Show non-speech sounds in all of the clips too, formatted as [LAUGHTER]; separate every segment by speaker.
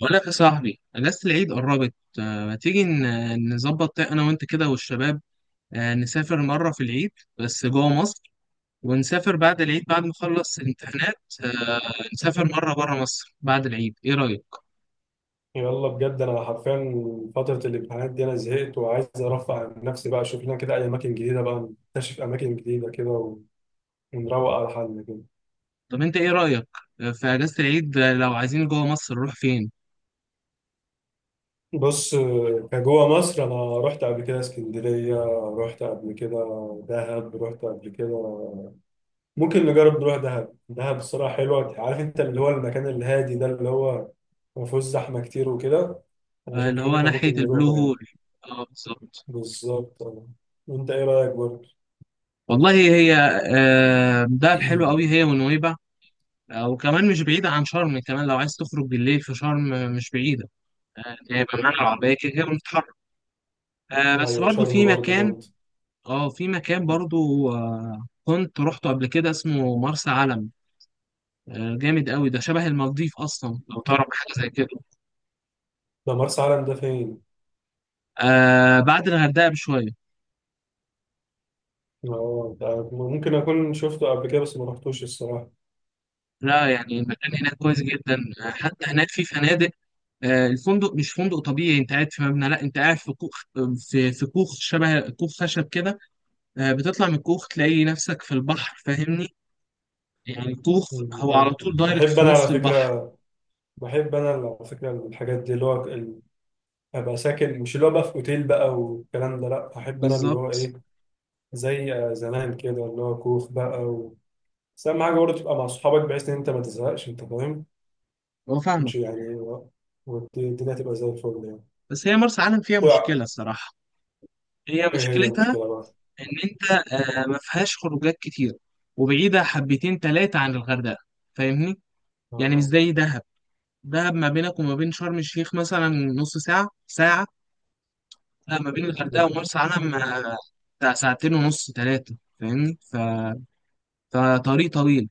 Speaker 1: بقول لك يا صاحبي، اجازة العيد قربت. ما تيجي نظبط انا وانت كده والشباب. نسافر مرة في العيد بس جوه مصر. ونسافر بعد العيد بعد ما نخلص الامتحانات. آه، نسافر مرة بره مصر بعد العيد، ايه رأيك؟
Speaker 2: يلا بجد، انا حرفيا فتره الامتحانات دي انا زهقت وعايز ارفع عن نفسي بقى، اشوف لنا كده اي اماكن جديده بقى نكتشف اماكن جديده كده ونروق على حالنا كده.
Speaker 1: طب انت ايه رأيك في اجازة العيد؟ لو عايزين جوه مصر نروح فين؟
Speaker 2: بص، كجوه مصر انا رحت قبل كده اسكندريه، رحت قبل كده دهب، رحت قبل كده. ممكن نجرب نروح دهب. دهب الصراحه حلوه، عارف انت اللي هو المكان الهادي ده، اللي هو ما فيهوش زحمه كتير وكده. انا شايف
Speaker 1: اللي
Speaker 2: ان
Speaker 1: هو
Speaker 2: احنا
Speaker 1: ناحية
Speaker 2: ممكن
Speaker 1: البلو
Speaker 2: نروحه
Speaker 1: هول.
Speaker 2: يعني.
Speaker 1: اه بالظبط.
Speaker 2: بالظبط. وانت ايه رايك برضه؟
Speaker 1: والله هي دهب حلوة قوي
Speaker 2: [CLEARS THROAT]
Speaker 1: هي ونويبع. وكمان مش بعيدة عن شرم، كمان لو عايز تخرج بالليل في شرم مش بعيدة. هيبقى معانا العربية كده كده بنتحرك. بس
Speaker 2: ايوه
Speaker 1: برضو
Speaker 2: شرم
Speaker 1: في
Speaker 2: برضه
Speaker 1: مكان.
Speaker 2: جامد.
Speaker 1: اه في مكان برضو كنت روحته قبل كده اسمه مرسى علم. جامد قوي، ده شبه المالديف أصلا لو تعرف حاجة زي كده.
Speaker 2: ده مرسى علم ده فين؟
Speaker 1: آه بعد الغردقة بشوية.
Speaker 2: اه ده ممكن اكون شفته قبل كده بس ما رحتوش الصراحه.
Speaker 1: لا يعني المكان هناك كويس جدا. حتى هناك في فنادق. الفندق مش فندق طبيعي، انت قاعد في مبنى، لا انت قاعد في كوخ. في كوخ، شبه كوخ خشب كده. بتطلع من الكوخ تلاقي نفسك في البحر، فاهمني؟ يعني الكوخ هو على طول دايركت
Speaker 2: بحب
Speaker 1: في
Speaker 2: انا على
Speaker 1: نص البحر.
Speaker 2: فكره، الحاجات دي اللي هو ابقى ساكن، مش اللي هو بقى في اوتيل بقى والكلام ده، لا بحب انا اللي هو ايه،
Speaker 1: بالظبط.
Speaker 2: زي زمان كده، اللي هو كوخ بقى. و... بس اهم حاجه برضه تبقى مع اصحابك بحيث ان انت ما تزهقش، انت فاهم؟
Speaker 1: هو فاهمك.
Speaker 2: مش يعني والدنيا تبقى زي الفل يعني.
Speaker 1: بس هي مرسى علم فيها
Speaker 2: وقع.
Speaker 1: مشكلة الصراحة. هي
Speaker 2: ايه هي
Speaker 1: مشكلتها
Speaker 2: المشكله بقى؟
Speaker 1: إن أنت ما فيهاش خروجات كتير، وبعيدة حبتين تلاتة عن الغردقة، فاهمني؟ يعني مش
Speaker 2: اه.
Speaker 1: زي دهب. دهب ما بينك وما بين شرم الشيخ مثلا نص ساعة ساعة. لا، ما بين الغردقة ومرسى علم بتاع ساعتين ونص تلاتة، فاهمني؟ فطريق طويل.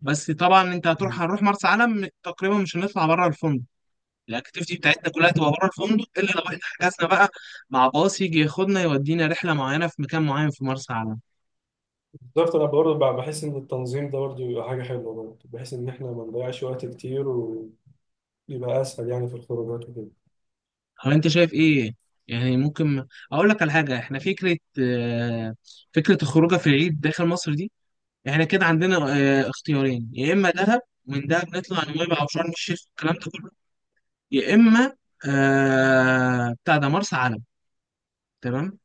Speaker 1: بس طبعا أنت هتروح،
Speaker 2: مم.
Speaker 1: هنروح مرسى علم تقريبا مش هنطلع بره الفندق. الاكتيفيتي بتاعتنا كلها تبقى بره الفندق الا لو احنا حجزنا بقى مع باص يجي ياخدنا يودينا رحله معينه في مكان معين في مرسى علم.
Speaker 2: بالظبط، انا برضه بحس ان التنظيم ده برضه بيبقى حاجه حلوه برضه، بحيث ان احنا ما نضيعش وقت كتير ويبقى اسهل يعني في الخروجات وكده.
Speaker 1: هو انت شايف ايه؟ يعني ممكن اقول لك على حاجه. احنا فكره الخروجه في العيد داخل مصر دي، احنا كده عندنا اختيارين، يا اما دهب، ومن دهب نطلع نويبع او شرم الشيخ والكلام ده كله، يا اما بتاع ده مرسى علم. تمام.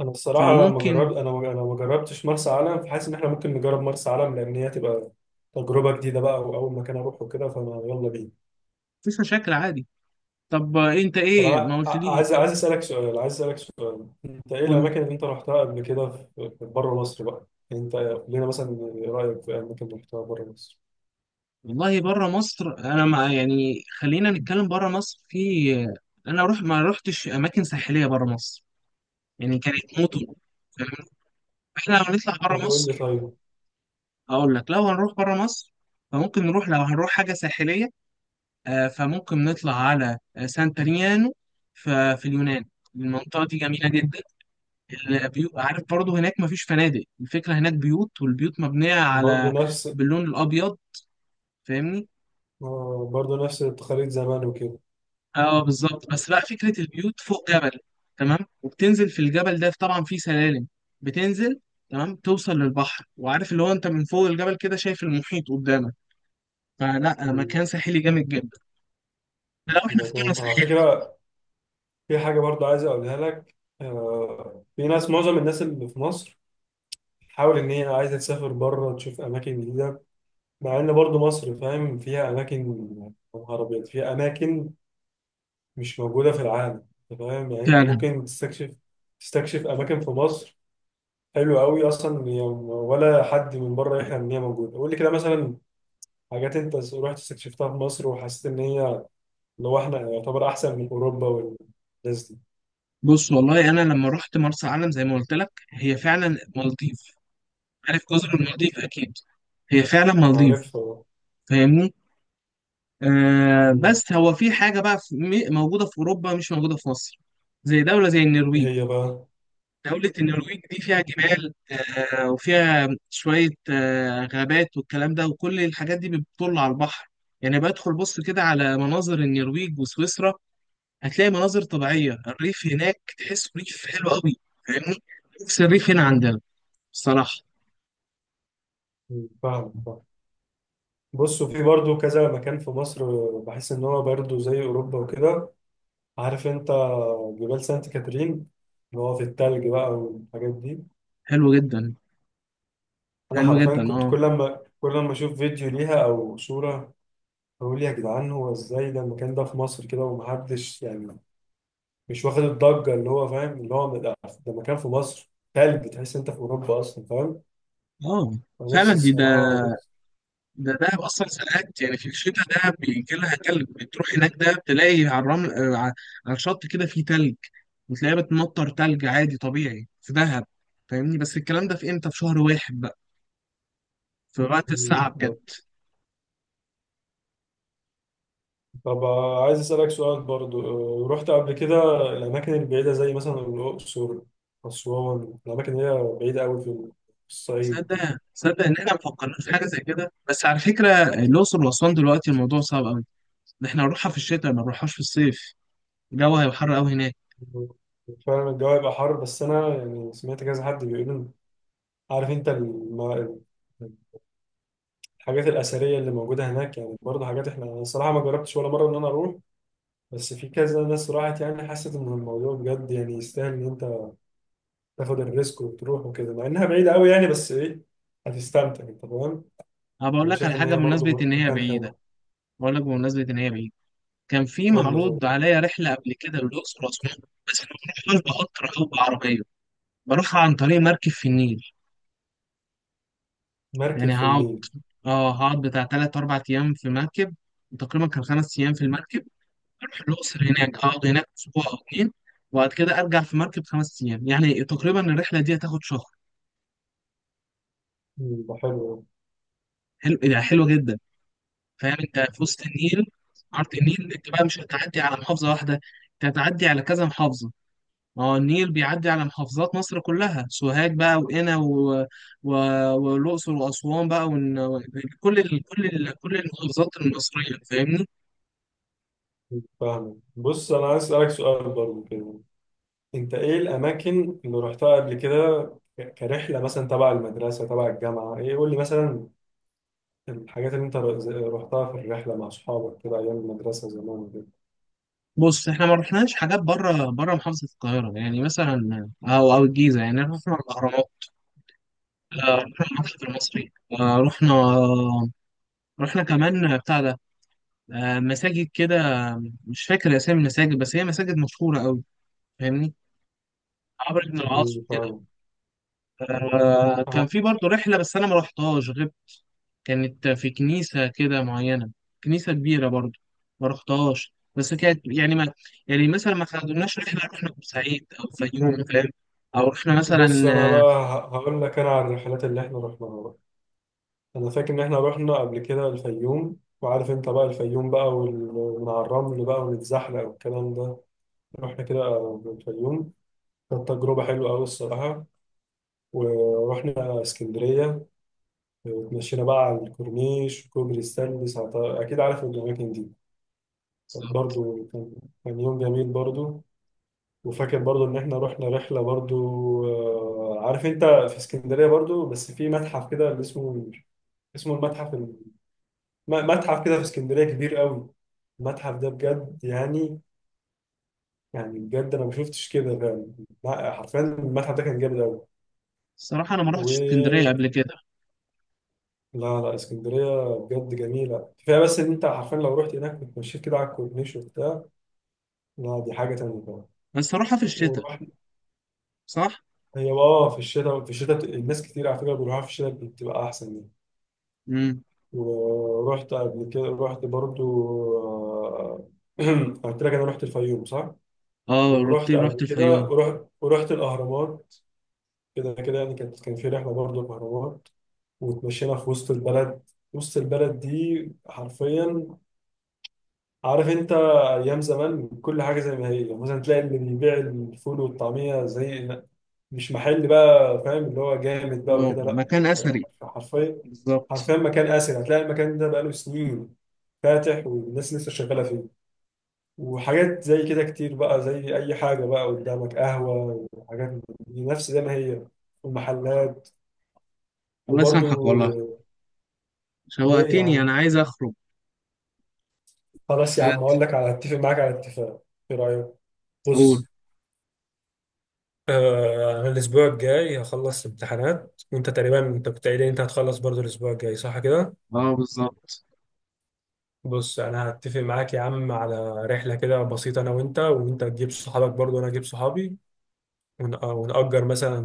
Speaker 2: انا الصراحه لما
Speaker 1: فممكن،
Speaker 2: جربت انا ما جربتش مرسى علم، فحاسس ان احنا ممكن نجرب مرسى علم، لان هي تبقى تجربه جديده بقى واول مكان اروحه كده، فانا يلا بينا.
Speaker 1: مفيش مشاكل عادي. طب انت
Speaker 2: طب
Speaker 1: ايه ما
Speaker 2: انا
Speaker 1: قلت
Speaker 2: ع-
Speaker 1: لي؟
Speaker 2: عايز عايز اسالك سؤال عايز اسالك سؤال، انت ايه
Speaker 1: قول.
Speaker 2: الاماكن اللي انت رحتها قبل كده في بره مصر بقى؟ يعني انت قول لنا مثلا رايك في اماكن رحتها بره مصر.
Speaker 1: والله بره مصر انا ما يعني، خلينا نتكلم بره مصر. في انا روح ما روحتش اماكن ساحليه بره مصر، يعني كانت مطر، فاهمني؟ احنا لو نطلع
Speaker 2: طب
Speaker 1: بره
Speaker 2: قول لي
Speaker 1: مصر،
Speaker 2: طيب.
Speaker 1: اقول لك، لو هنروح بره مصر فممكن نروح، لو هنروح حاجه ساحليه فممكن نطلع على سانتريانو في اليونان. المنطقه دي جميله جدا. البيوت، عارف برضو هناك مفيش فنادق، الفكره هناك بيوت، والبيوت مبنيه
Speaker 2: برضه
Speaker 1: على
Speaker 2: نفس،
Speaker 1: باللون الابيض، فاهمني.
Speaker 2: التقاليد زمان وكده.
Speaker 1: اه بالظبط. بس بقى فكرة البيوت فوق جبل، تمام، وبتنزل في الجبل ده طبعا فيه سلالم بتنزل، تمام، توصل للبحر. وعارف اللي هو انت من فوق الجبل كده شايف المحيط قدامك، فلا
Speaker 2: مم.
Speaker 1: مكان ساحلي جامد جدا. لو احنا
Speaker 2: ده
Speaker 1: في قرى
Speaker 2: فاهم على
Speaker 1: ساحلية.
Speaker 2: فكرة. في حاجة برضه عايز أقولها لك. آه، في ناس معظم الناس اللي في مصر تحاول إن هي عايزة تسافر بره تشوف أماكن جديدة، مع إن برضه مصر فاهم فيها أماكن، يا نهار أبيض فيها أماكن مش موجودة في العالم. أنت فاهم؟ يعني أنت
Speaker 1: فعلا.
Speaker 2: ممكن تستكشف أماكن في مصر حلوة أوي أصلا هي، ولا حد من بره يحلم إن هي موجودة. قول لي كده مثلا حاجات أنت رحت استكشفتها في مصر وحسيت إن هي اللي هو احنا يعتبر احسن من اوروبا والناس دي.
Speaker 1: بص والله انا لما رحت مرسى علم زي ما قلت لك هي فعلا مالديف. عارف جزر المالديف اكيد. هي فعلا مالديف،
Speaker 2: عارفها.
Speaker 1: فاهمني.
Speaker 2: مم.
Speaker 1: بس هو في حاجة بقى موجودة في اوروبا مش موجودة في مصر، زي دولة زي
Speaker 2: ايه
Speaker 1: النرويج.
Speaker 2: هي بقى؟
Speaker 1: دولة النرويج دي فيها جبال، وفيها شوية غابات والكلام ده، وكل الحاجات دي بتطل على البحر. يعني بدخل بص كده على مناظر النرويج وسويسرا هتلاقي مناظر طبيعية، الريف هناك تحس ريف حلو قوي، فاهمني. نفس الريف هنا عندنا بصراحة.
Speaker 2: مم. فاهم فاهم. بص، وفي برضو كذا مكان في مصر بحس ان هو برضو زي اوروبا وكده، عارف انت جبال سانت كاترين، اللي هو في التلج بقى والحاجات دي.
Speaker 1: حلو جدا.
Speaker 2: انا
Speaker 1: حلو
Speaker 2: حرفيا
Speaker 1: جدا
Speaker 2: كنت
Speaker 1: اه.
Speaker 2: كل ما كل ما اشوف فيديو ليها او صورة، اقول يا جدعان هو ازاي ده، المكان ده في مصر كده ومحدش يعني مش واخد الضجة؟ اللي هو فاهم، اللي هو ده مكان في مصر تلج، تحس انت في اوروبا اصلا، فاهم؟
Speaker 1: اه فعلا
Speaker 2: نفسي
Speaker 1: دي ده،
Speaker 2: الصراحة نفسي.
Speaker 1: ده دهب اصلا ساعات يعني في الشتاء ده بيجي لها تلج، بتروح هناك ده بتلاقي على الرمل على الشط كده في تلج. وتلاقيها بتمطر تلج عادي طبيعي في دهب، فاهمني. بس الكلام ده في امتى؟ في شهر واحد بقى، في وقت الساعة بجد.
Speaker 2: طب عايز أسألك سؤال برضو، رحت قبل كده الأماكن البعيدة زي مثلا الأقصر، أسوان، الأماكن اللي هي بعيدة أوي في الصعيد دي؟
Speaker 1: صدق صدق ان احنا ما فكرناش في حاجه زي كده. بس على فكره الاقصر واسوان دلوقتي الموضوع صعب قوي. ده احنا هنروحها في الشتاء ما نروحهاش في الصيف. الجو هيبقى حر قوي هناك.
Speaker 2: فعلا الجو هيبقى حر، بس أنا يعني سمعت كذا حد بيقول إن- عارف أنت الحاجات الأثرية اللي موجودة هناك، يعني برضه حاجات أنا الصراحة ما جربتش ولا مرة إن أنا أروح، بس في كذا ناس راحت يعني حست إن الموضوع بجد يعني يستاهل إن أنت تاخد الريسك وتروح وكده، مع انها بعيده قوي يعني، بس ايه، هتستمتع، انت فاهم؟
Speaker 1: انا بقول
Speaker 2: انا
Speaker 1: لك على
Speaker 2: شايف ان
Speaker 1: حاجه
Speaker 2: هي
Speaker 1: بمناسبه
Speaker 2: برضو
Speaker 1: ان هي
Speaker 2: مكان
Speaker 1: بعيده،
Speaker 2: حلو.
Speaker 1: بقول لك بمناسبه ان هي بعيده. كان في
Speaker 2: قول لي
Speaker 1: معروض
Speaker 2: طيب.
Speaker 1: عليا رحلة قبل كده للأقصر وأسوان. بس أنا ما بروحهاش بقطر أو بعربية، بروح عن طريق مركب في النيل.
Speaker 2: مركب
Speaker 1: يعني
Speaker 2: في
Speaker 1: هقعد،
Speaker 2: النيل.
Speaker 1: اه هقعد بتاع تلات أربع أيام في مركب. وتقريبا كان 5 أيام في المركب أروح الأقصر، هناك أقعد هناك أسبوع أو اتنين. وبعد كده أرجع في مركب 5 أيام، يعني تقريبا الرحلة دي هتاخد شهر.
Speaker 2: ده حلو.
Speaker 1: حلو يعني، حلوة جدا. فاهم أنت في وسط النيل، عرض النيل، أنت بقى مش هتعدي على محافظة واحدة، أنت هتعدي على كذا محافظة. ما هو النيل بيعدي على محافظات مصر كلها، سوهاج بقى وقنا و... والأقصر وأسوان بقى كل المحافظات المصرية، فاهمني.
Speaker 2: فاهم. بص، انا عايز اسالك سؤال برضو كده، انت ايه الاماكن اللي رحتها قبل كده كرحله مثلا تبع المدرسه تبع الجامعه؟ ايه، قول لي مثلا الحاجات اللي انت رحتها في الرحله مع اصحابك كده ايام المدرسه زمان كده.
Speaker 1: بص احنا ما رحناش حاجات بره محافظة القاهرة يعني مثلا، أو الجيزة، يعني رحنا الأهرامات، رحنا المتحف المصري، آه، رحنا رحنا كمان بتاع ده، مساجد كده. مش فاكر أسامي المساجد بس هي مساجد مشهورة أوي، فاهمني، عمرو بن العاص
Speaker 2: مم،
Speaker 1: كده.
Speaker 2: فاهم. انا
Speaker 1: كان في برضه رحلة بس أنا ما رحتهاش. كانت في كنيسة كده معينة، كنيسة كبيرة برضو، ما رحتهاش. بس كانت يعني ما يعني مثلا ما خدناش رحلة، رحنا بورسعيد أو الفيوم فاهم؟ أو رحنا
Speaker 2: بص،
Speaker 1: مثلا
Speaker 2: انا
Speaker 1: آه،
Speaker 2: بقى هقول لك انا على الرحلات اللي احنا رحناها بقى. انا فاكر ان احنا رحنا قبل كده الفيوم، وعارف انت بقى الفيوم بقى ومن على الرمل بقى ونتزحلق والكلام ده. رحنا كده الفيوم، كانت تجربة حلوة أوي الصراحة. ورحنا اسكندرية، وتمشينا بقى على الكورنيش وكوبري ستانلي ساعتها، أكيد عارف الأماكن دي، كانت برضو كان كان يوم جميل برضو. وفاكر برضو إن إحنا رحنا رحلة برضو، عارف أنت في اسكندرية برضو بس في متحف كده اللي اسمه، اسمه المتحف، متحف كده في اسكندرية كبير قوي. المتحف ده بجد يعني بجد انا ما شفتش كده فعلا. لا، حرفيا المتحف ده كان جامد قوي،
Speaker 1: الصراحة أنا ما رحتش اسكندرية
Speaker 2: و
Speaker 1: قبل كده.
Speaker 2: لا لا، اسكندرية بجد جميلة كفاية، بس ان انت حرفيا لو رحت هناك بتمشيت كده على الكورنيش وبتاع، لا دي حاجة تانية بقى.
Speaker 1: بس أروحها في الشتاء،
Speaker 2: ورحت
Speaker 1: صح؟
Speaker 2: هي اه في الشتاء الناس كتير على فكرة بيروحوها، في الشتاء بتبقى أحسن يعني.
Speaker 1: امم.
Speaker 2: ورحت قبل كده، رحت برضو، آه، [CLEARS THROAT] قلت لك أنا رحت الفيوم صح؟
Speaker 1: اه،
Speaker 2: ورحت
Speaker 1: رحت
Speaker 2: قبل كده،
Speaker 1: الفيوم.
Speaker 2: ورحت الأهرامات كده كده يعني، كان في رحلة برضه الأهرامات، واتمشينا في وسط البلد. وسط البلد دي حرفيا، عارف انت، ايام زمان كل حاجه زي ما هي، يعني مثلا تلاقي اللي بيبيع الفول والطعميه زي، مش محل بقى فاهم اللي هو جامد بقى
Speaker 1: اه،
Speaker 2: وكده، لا
Speaker 1: مكان أثري.
Speaker 2: حرفيا،
Speaker 1: بالظبط.
Speaker 2: حرفيا مكان آسر، هتلاقي المكان ده بقاله سنين فاتح والناس لسه شغالة فيه. وحاجات زي كده كتير بقى، زي أي حاجة بقى قدامك قهوة وحاجات من دي، نفس زي ما هي، والمحلات.
Speaker 1: الله
Speaker 2: وبرضو
Speaker 1: يسامحك والله،
Speaker 2: ليه يا
Speaker 1: شوقتني
Speaker 2: عم؟
Speaker 1: أنا عايز أخرج.
Speaker 2: خلاص يا عم،
Speaker 1: بجد.
Speaker 2: هقول لك على اتفق معاك على اتفاق. ايه رايك؟
Speaker 1: قول.
Speaker 2: بص. انا الاسبوع الجاي هخلص امتحانات، وانت تقريبا انت كنت قايل لي انت هتخلص برضو الاسبوع الجاي، صح كده؟
Speaker 1: اه بالظبط.
Speaker 2: بص، انا هتفق معاك يا عم على رحله كده بسيطه، انا وانت تجيب صحابك برضو وانا اجيب صحابي، ونأجر مثلا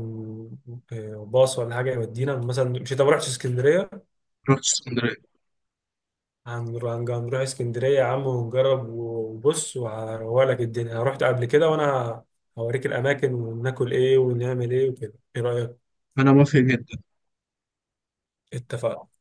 Speaker 2: باص ولا حاجه يودينا مثلا. مش انت ما رحتش اسكندريه؟
Speaker 1: رحت اسكندرية.
Speaker 2: هنروح، اسكندرية يا عم ونجرب، وبص وهروّلك الدنيا، أنا رحت قبل كده وأنا هوريك الأماكن وناكل إيه ونعمل إيه وكده. إيه رأيك؟
Speaker 1: أنا موافق جدا.
Speaker 2: اتفقنا.